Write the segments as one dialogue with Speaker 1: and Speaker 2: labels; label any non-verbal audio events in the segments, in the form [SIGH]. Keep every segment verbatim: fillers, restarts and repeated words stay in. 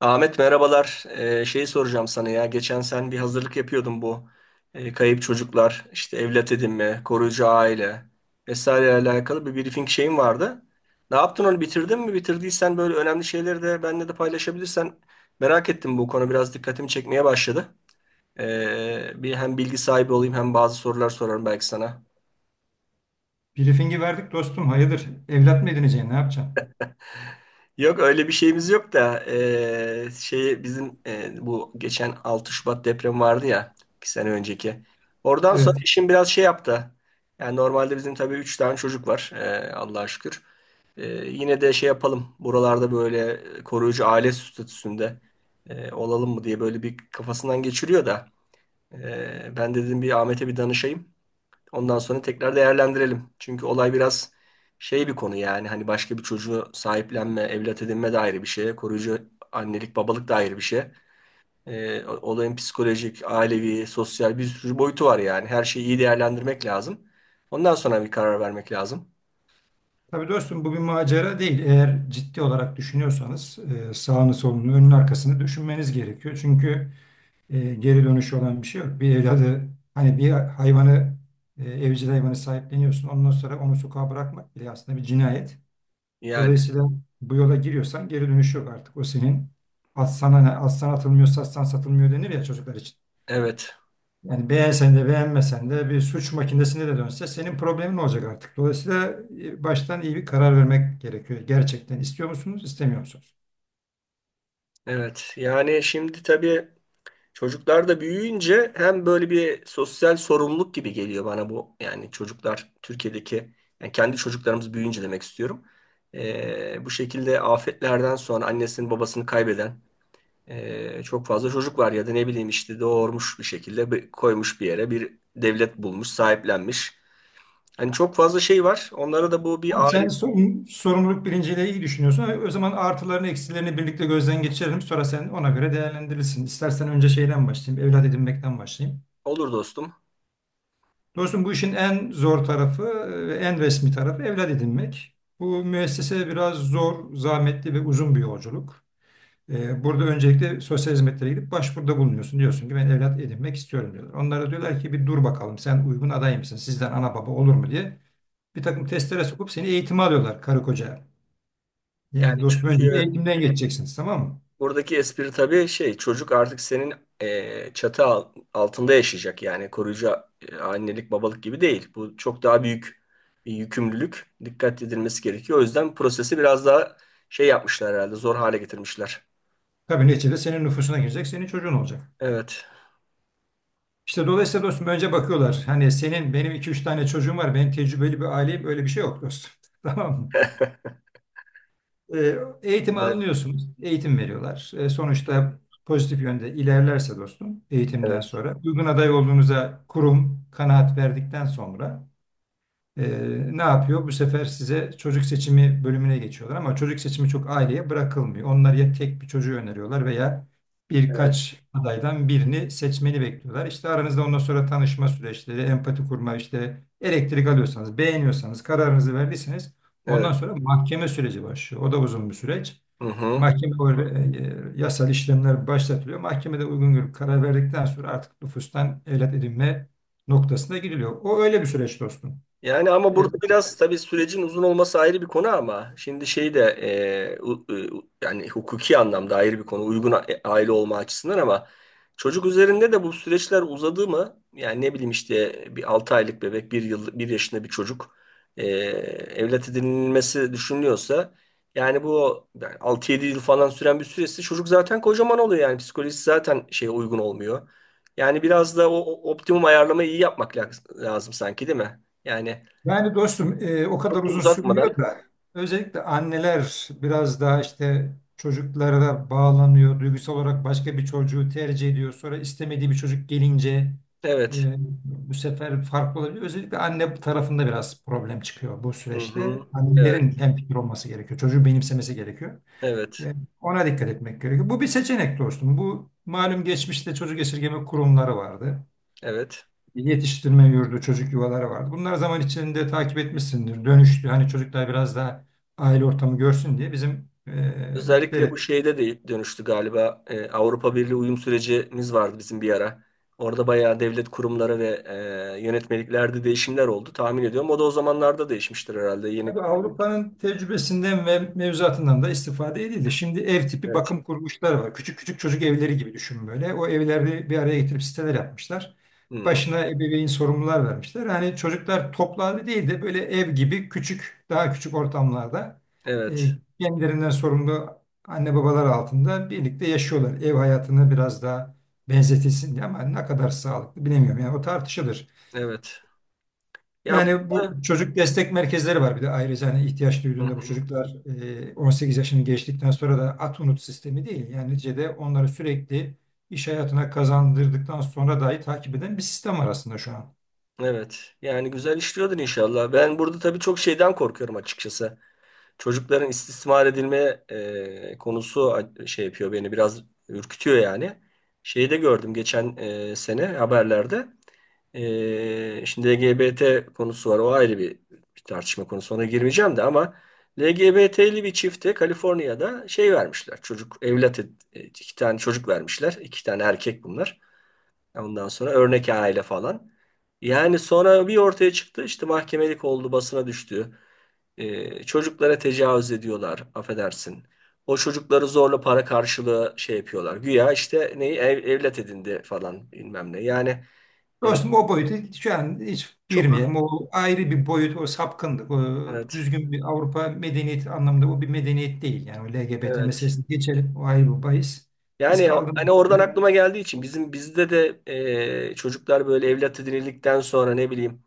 Speaker 1: Ahmet merhabalar. Ee, şeyi soracağım sana ya. Geçen sen bir hazırlık yapıyordun, bu e, kayıp çocuklar, işte evlat edinme, koruyucu aile vesaire alakalı bir briefing şeyin vardı. Ne yaptın, onu bitirdin mi? Bitirdiysen böyle önemli şeyleri de benimle de paylaşabilirsen, merak ettim. Bu konu biraz dikkatimi çekmeye başladı. Ee, bir hem bilgi sahibi olayım hem bazı sorular sorarım belki sana.
Speaker 2: Briefing'i verdik dostum. Hayırdır? Evlat mı edineceksin? Ne yapacaksın?
Speaker 1: Yok öyle bir şeyimiz yok da eee, şey bizim, eee, bu geçen altı Şubat depremi vardı ya, iki sene önceki. Oradan sonra
Speaker 2: Evet.
Speaker 1: işim biraz şey yaptı. Yani normalde bizim tabii üç tane çocuk var, eee, Allah'a şükür. Eee, yine de şey yapalım buralarda, böyle koruyucu aile statüsünde eee, olalım mı diye böyle bir kafasından geçiriyor da eee, ben dedim bir Ahmet'e bir danışayım. Ondan sonra tekrar değerlendirelim. Çünkü olay biraz şey bir konu, yani hani başka bir çocuğu sahiplenme, evlat edinme de ayrı bir şey. Koruyucu annelik, babalık da ayrı bir şey. Ee, olayın psikolojik, ailevi, sosyal bir sürü boyutu var yani. Her şeyi iyi değerlendirmek lazım. Ondan sonra bir karar vermek lazım.
Speaker 2: Tabii dostum bu bir macera değil. Eğer ciddi olarak düşünüyorsanız e, sağını solunu önünü arkasını düşünmeniz gerekiyor. Çünkü e, geri dönüşü olan bir şey yok. Bir evladı hani bir hayvanı e, evcil hayvanı sahipleniyorsun. Ondan sonra onu sokağa bırakmak bile aslında bir cinayet.
Speaker 1: Yani
Speaker 2: Dolayısıyla bu yola giriyorsan geri dönüşü yok artık. O senin atsan, hani atsan atılmıyor satsan satılmıyor denir ya çocuklar için.
Speaker 1: evet,
Speaker 2: Yani beğensen de beğenmesen de bir suç makinesine de dönse senin problemin olacak artık. Dolayısıyla e, baştan iyi bir karar vermek gerekiyor. Gerçekten istiyor musunuz, istemiyor musunuz?
Speaker 1: evet. Yani şimdi tabii çocuklar da büyüyünce hem böyle bir sosyal sorumluluk gibi geliyor bana bu. Yani çocuklar Türkiye'deki, yani kendi çocuklarımız büyüyünce demek istiyorum. Ee, bu şekilde afetlerden sonra annesini babasını kaybeden ee, çok fazla çocuk var, ya da ne bileyim işte doğurmuş bir şekilde bir- koymuş bir yere, bir devlet bulmuş sahiplenmiş. Hani çok fazla şey var. Onlara da bu
Speaker 2: Abi
Speaker 1: bir ağrı
Speaker 2: sen sorun- sorumluluk bilinciyle iyi düşünüyorsun. O zaman artılarını eksilerini birlikte gözden geçirelim. Sonra sen ona göre değerlendirirsin. İstersen önce şeyden başlayayım, evlat edinmekten başlayayım.
Speaker 1: olur dostum.
Speaker 2: Dostum bu işin en zor tarafı e, ve en resmi tarafı evlat edinmek. Bu müessese biraz zor, zahmetli ve uzun bir yolculuk. Ee, Burada öncelikle sosyal hizmetlere gidip başvuruda bulunuyorsun. Diyorsun ki ben evlat edinmek istiyorum diyorlar. Onlara diyorlar ki bir dur bakalım sen uygun aday mısın? Sizden ana baba olur mu diye bir takım testlere sokup seni eğitime alıyorlar karı koca. Yani
Speaker 1: Yani
Speaker 2: dostum önce bir
Speaker 1: çünkü
Speaker 2: eğitimden geçeceksiniz tamam mı?
Speaker 1: buradaki espri tabii şey, çocuk artık senin e, çatı al- altında yaşayacak, yani koruyucu e, annelik babalık gibi değil. Bu çok daha büyük bir yükümlülük, dikkat edilmesi gerekiyor. O yüzden prosesi biraz daha şey yapmışlar herhalde, zor hale getirmişler.
Speaker 2: Tabii neticede senin nüfusuna girecek, senin çocuğun olacak.
Speaker 1: Evet.
Speaker 2: İşte dolayısıyla dostum önce bakıyorlar. Hani senin benim iki üç tane çocuğum var. Ben tecrübeli bir aileyim. Öyle bir şey yok dostum. [LAUGHS] Tamam mı? E, eğitimi
Speaker 1: Evet.
Speaker 2: alınıyorsunuz. Eğitim veriyorlar. E, sonuçta pozitif yönde ilerlerse dostum eğitimden
Speaker 1: Evet.
Speaker 2: sonra uygun aday olduğunuza kurum kanaat verdikten sonra ee, ne yapıyor? Bu sefer size çocuk seçimi bölümüne geçiyorlar ama çocuk seçimi çok aileye bırakılmıyor. Onlar ya tek bir çocuğu öneriyorlar veya
Speaker 1: Evet.
Speaker 2: birkaç adaydan birini seçmeni bekliyorlar. İşte aranızda ondan sonra tanışma süreçleri, empati kurma, işte elektrik alıyorsanız, beğeniyorsanız, kararınızı verdiyseniz
Speaker 1: Evet.
Speaker 2: ondan sonra mahkeme süreci başlıyor. O da uzun bir süreç.
Speaker 1: Hı hı.
Speaker 2: Mahkeme e, e, yasal işlemler başlatılıyor. Mahkemede uygun görüp karar verdikten sonra artık nüfustan evlat edinme noktasına gidiliyor. O öyle bir süreç dostum.
Speaker 1: Yani ama burada biraz tabii sürecin uzun olması ayrı bir konu, ama şimdi şey de e, u- u- yani hukuki anlamda ayrı bir konu, uygun a- e, aile olma açısından, ama çocuk üzerinde de bu süreçler uzadı mı, yani ne bileyim işte bir altı aylık bebek, bir yıl, bir yaşında bir çocuk e, evlat edinilmesi düşünülüyorsa, yani bu yani altı yedi yıl falan süren bir süresi, çocuk zaten kocaman oluyor, yani psikolojisi zaten şeye uygun olmuyor. Yani biraz da o o optimum ayarlamayı iyi yapmak la- lazım sanki, değil mi? Yani
Speaker 2: Yani dostum e, o kadar
Speaker 1: çok da
Speaker 2: uzun
Speaker 1: uzatmadan.
Speaker 2: sürmüyor da özellikle anneler biraz daha işte çocuklara bağlanıyor. Duygusal olarak başka bir çocuğu tercih ediyor. Sonra istemediği bir çocuk gelince
Speaker 1: Evet.
Speaker 2: e, bu sefer farklı olabiliyor. Özellikle anne tarafında biraz problem çıkıyor bu
Speaker 1: Hı
Speaker 2: süreçte.
Speaker 1: hı.
Speaker 2: Annelerin
Speaker 1: Evet.
Speaker 2: hemfikir olması gerekiyor. Çocuğu benimsemesi gerekiyor.
Speaker 1: Evet.
Speaker 2: E, ona dikkat etmek gerekiyor. Bu bir seçenek dostum. Bu malum geçmişte çocuk esirgeme kurumları vardı
Speaker 1: Evet.
Speaker 2: yetiştirme yurdu, çocuk yuvaları vardı. Bunlar zaman içinde takip etmişsindir. Dönüştü. Hani çocuklar biraz daha aile ortamı görsün diye bizim
Speaker 1: Özellikle bu
Speaker 2: e,
Speaker 1: şeyde de dönüştü galiba. Ee, Avrupa Birliği uyum sürecimiz vardı bizim bir ara. Orada bayağı devlet kurumları ve e, yönetmeliklerde değişimler oldu tahmin ediyorum. O da o zamanlarda değişmiştir herhalde. Yeni.
Speaker 2: Tabii Avrupa'nın tecrübesinden ve mevzuatından da istifade edildi. Şimdi ev tipi
Speaker 1: Evet.
Speaker 2: bakım kuruluşları var. Küçük küçük çocuk evleri gibi düşün böyle. O evleri bir araya getirip siteler yapmışlar.
Speaker 1: Hı.
Speaker 2: Başına ebeveyn sorumlular vermişler. Hani çocuklar toplu halde değil de böyle ev gibi küçük, daha küçük ortamlarda e,
Speaker 1: Evet.
Speaker 2: kendilerinden sorumlu anne babalar altında birlikte yaşıyorlar. Ev hayatını biraz daha benzetilsin diye ama ne kadar sağlıklı bilemiyorum. Yani o tartışılır.
Speaker 1: Evet. Ya
Speaker 2: Yani bu
Speaker 1: burada.
Speaker 2: çocuk destek merkezleri var bir de ayrıca hani ihtiyaç
Speaker 1: Hı
Speaker 2: duyduğunda bu
Speaker 1: hı.
Speaker 2: çocuklar e, on sekiz yaşını geçtikten sonra da at unut sistemi değil. Yani neticede onları sürekli iş hayatına kazandırdıktan sonra dahi takip eden bir sistem var aslında şu an.
Speaker 1: Evet. Yani güzel işliyordur inşallah. Ben burada tabii çok şeyden korkuyorum açıkçası. Çocukların istismar edilme e, konusu a- şey yapıyor beni, biraz ürkütüyor yani. Şeyi de gördüm geçen e, sene haberlerde. E, şimdi L G B T konusu var, o ayrı bir, bir tartışma konusu, ona girmeyeceğim de, ama L G B T'li bir çifte Kaliforniya'da şey vermişler. Çocuk evlat ed- e, iki tane çocuk vermişler. İki tane erkek bunlar. Ondan sonra örnek aile falan. Yani sonra bir ortaya çıktı, işte mahkemelik oldu, basına düştü. E, çocuklara tecavüz ediyorlar, affedersin. O çocukları zorla para karşılığı şey yapıyorlar. Güya işte neyi ev- evlat edindi falan bilmem ne. Yani e,
Speaker 2: Dostum o boyutu şu an hiç
Speaker 1: çok.
Speaker 2: girmeyelim. O ayrı bir boyut, o sapkınlık. O
Speaker 1: Evet,
Speaker 2: düzgün bir Avrupa medeniyeti anlamında o bir medeniyet değil. Yani o L G B T
Speaker 1: evet.
Speaker 2: meselesini geçelim. O ayrı bir bahis. Biz
Speaker 1: Yani
Speaker 2: kaldığımız
Speaker 1: hani oradan
Speaker 2: yerden-
Speaker 1: aklıma geldiği için bizim bizde de e, çocuklar böyle evlat edinildikten sonra ne bileyim.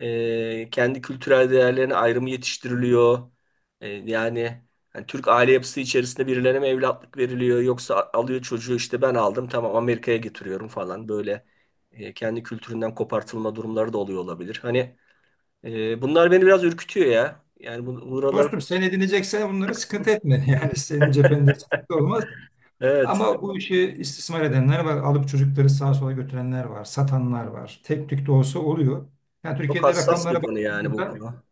Speaker 1: E, kendi kültürel değerlerine ayrımı yetiştiriliyor. E, yani hani Türk aile yapısı içerisinde birilerine mi evlatlık veriliyor, yoksa a- alıyor çocuğu işte ben aldım tamam Amerika'ya getiriyorum falan, böyle e, kendi kültüründen kopartılma durumları da oluyor olabilir. Hani e, bunlar beni biraz ürkütüyor ya. Yani bu, buralar,
Speaker 2: Dostum sen edineceksen bunları sıkıntı etme. [LAUGHS] Yani senin cephende sıkıntı olmaz.
Speaker 1: evet,
Speaker 2: Ama bu işi istismar edenler var. Alıp çocukları sağa sola götürenler var. Satanlar var. Tek tük de olsa oluyor. Yani
Speaker 1: çok
Speaker 2: Türkiye'de
Speaker 1: hassas bir
Speaker 2: rakamlara
Speaker 1: konu yani bu
Speaker 2: baktığımızda
Speaker 1: konu.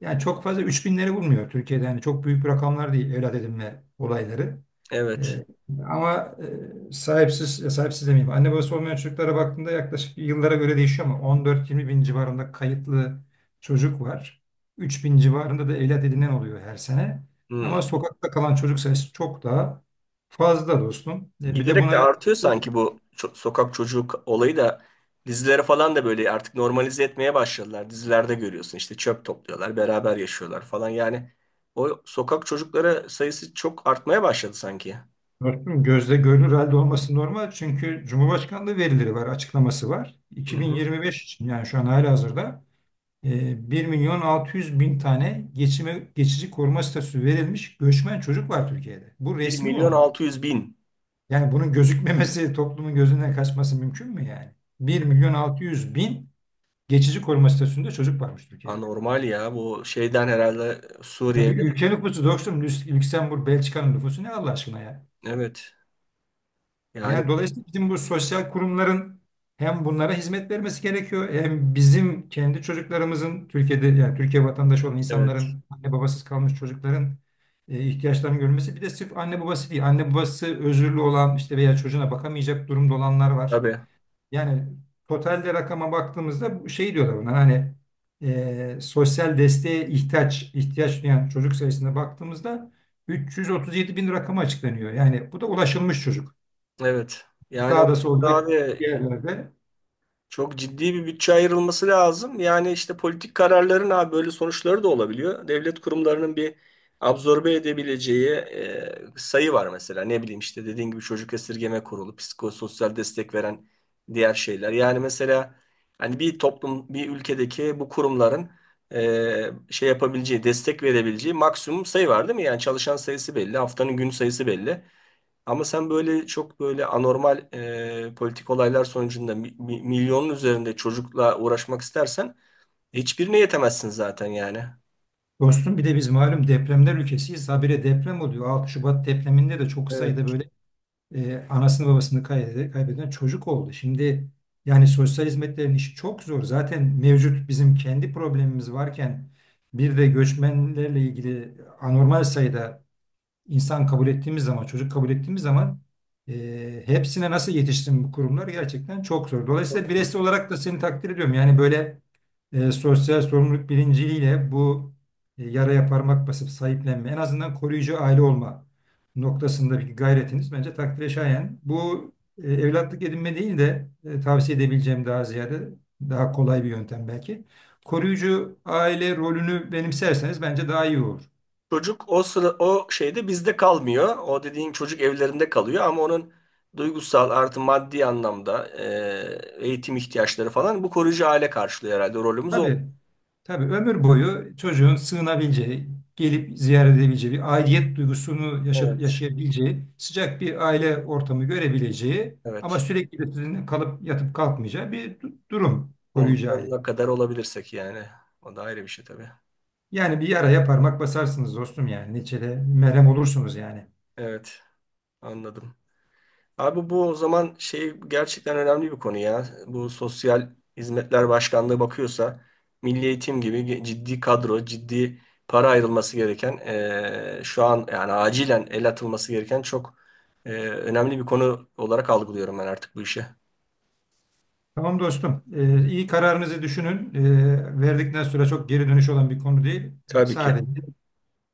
Speaker 2: yani çok fazla üç binleri bulmuyor Türkiye'de. Yani çok büyük rakamlar değil evlat edinme olayları.
Speaker 1: Evet.
Speaker 2: Ee, ama e, sahipsiz, e, sahipsiz demeyeyim. Anne babası olmayan çocuklara baktığında yaklaşık yıllara göre değişiyor ama on dört yirmi bin civarında kayıtlı çocuk var. üç bin civarında da evlat edinen oluyor her sene. Ama
Speaker 1: Hmm.
Speaker 2: sokakta kalan çocuk sayısı çok daha fazla dostum. E, bir de
Speaker 1: Giderek de
Speaker 2: buna
Speaker 1: artıyor sanki bu ço- sokak çocuk olayı da, dizilere falan da böyle artık normalize etmeye başladılar. Dizilerde görüyorsun işte, çöp topluyorlar, beraber yaşıyorlar falan. Yani o sokak çocukları sayısı çok artmaya başladı sanki.
Speaker 2: dostum gözle görünür halde olması normal. Çünkü Cumhurbaşkanlığı verileri var, açıklaması var.
Speaker 1: Hı hı.
Speaker 2: iki bin yirmi beş için yani şu an halihazırda e, bir milyon altı yüz bin tane geçime, geçici koruma statüsü verilmiş göçmen çocuk var Türkiye'de. Bu
Speaker 1: bir
Speaker 2: resmi
Speaker 1: milyon
Speaker 2: olan.
Speaker 1: altı yüz bin.
Speaker 2: Yani bunun gözükmemesi, [LAUGHS] toplumun gözünden kaçması mümkün mü yani? bir milyon altı yüz bin geçici koruma statüsünde çocuk varmış Türkiye'de.
Speaker 1: Anormal ya, bu şeyden herhalde,
Speaker 2: Ya
Speaker 1: Suriye.
Speaker 2: bir ülke nüfusu dostum, Lüks- Lüksemburg, Belçika'nın nüfusu ne Allah aşkına ya?
Speaker 1: Evet. Yani
Speaker 2: Yani dolayısıyla bizim bu sosyal kurumların hem bunlara hizmet vermesi gerekiyor hem bizim kendi çocuklarımızın Türkiye'de yani Türkiye vatandaşı olan
Speaker 1: evet.
Speaker 2: insanların anne babasız kalmış çocukların e, ihtiyaçlarını görmesi bir de sırf anne babası değil anne babası özürlü olan işte veya çocuğuna bakamayacak durumda olanlar var.
Speaker 1: Tabii.
Speaker 2: Yani totalde rakama baktığımızda bu şey diyorlar bunlar hani e, sosyal desteğe ihtiyaç ihtiyaç duyan çocuk sayısına baktığımızda üç yüz otuz yedi bin rakamı açıklanıyor. Yani bu da ulaşılmış çocuk.
Speaker 1: Evet. Yani o,
Speaker 2: Sağda solda bir
Speaker 1: abi,
Speaker 2: yerlerde.
Speaker 1: çok ciddi bir bütçe ayrılması lazım. Yani işte politik kararların abi böyle sonuçları da olabiliyor. Devlet kurumlarının bir absorbe edebileceği e, sayı var mesela. Ne bileyim işte dediğin gibi çocuk esirgeme kurulu, psikososyal destek veren diğer şeyler. Yani mesela hani bir toplum, bir ülkedeki bu kurumların e, şey yapabileceği, destek verebileceği maksimum sayı var değil mi? Yani çalışan sayısı belli, haftanın gün sayısı belli. Ama sen böyle çok böyle anormal e, politik olaylar sonucunda mi- mi- milyonun üzerinde çocukla uğraşmak istersen hiçbirine yetemezsin zaten yani.
Speaker 2: Dostum bir de biz malum depremler ülkesiyiz. Habire deprem oluyor. altı Şubat depreminde de çok
Speaker 1: Evet.
Speaker 2: sayıda böyle e, anasını babasını kaybeden, kaybeden çocuk oldu. Şimdi yani sosyal hizmetlerin işi çok zor. Zaten mevcut bizim kendi problemimiz varken bir de göçmenlerle ilgili anormal sayıda insan kabul ettiğimiz zaman, çocuk kabul ettiğimiz zaman e, hepsine nasıl yetişsin bu kurumlar gerçekten çok zor. Dolayısıyla bireysel olarak da seni takdir ediyorum. Yani böyle e, sosyal sorumluluk bilinciyle bu e, yaraya parmak basıp sahiplenme, en azından koruyucu aile olma noktasındaki gayretiniz bence takdire şayan. Bu e, evlatlık edinme değil de e, tavsiye edebileceğim daha ziyade daha kolay bir yöntem belki. Koruyucu aile rolünü benimserseniz bence daha iyi olur.
Speaker 1: Çocuk o sıra o şeyde bizde kalmıyor. O dediğin çocuk evlerinde kalıyor, ama onun duygusal artı maddi anlamda e, eğitim ihtiyaçları falan, bu koruyucu aile karşılıyor herhalde. Rolümüz o.
Speaker 2: Tabii, tabii ömür boyu çocuğun sığınabileceği, gelip ziyaret edebileceği, bir aidiyet duygusunu yaşa-
Speaker 1: Evet.
Speaker 2: yaşayabileceği, sıcak bir aile ortamı görebileceği ama
Speaker 1: Evet.
Speaker 2: sürekli de sizinle kalıp yatıp kalkmayacağı bir du- durum koruyucu
Speaker 1: Ondan
Speaker 2: aile.
Speaker 1: ne kadar olabilirsek yani. O da ayrı bir şey tabii.
Speaker 2: Yani bir yaraya parmak basarsınız dostum yani. Neçede merhem olursunuz yani.
Speaker 1: Evet. Anladım. Abi bu o zaman şey, gerçekten önemli bir konu ya. Bu Sosyal Hizmetler Başkanlığı bakıyorsa, Milli Eğitim gibi ge- ciddi kadro, ciddi para ayrılması gereken, eee, şu an yani acilen el atılması gereken çok eee, önemli bir konu olarak algılıyorum ben artık bu işi.
Speaker 2: Tamam dostum. Ee, iyi kararınızı düşünün. Ee, verdikten sonra çok geri dönüş olan bir konu değil. Ee,
Speaker 1: Tabii ki.
Speaker 2: sadece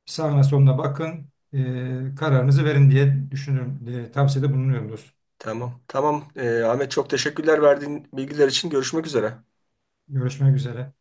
Speaker 2: Sağına soluna bakın, e, kararınızı verin diye düşünüyorum, diye tavsiyede bulunuyoruz.
Speaker 1: Tamam. Tamam. Eee, Ahmet çok teşekkürler verdiğin bilgiler için. Görüşmek üzere.
Speaker 2: Görüşmek üzere.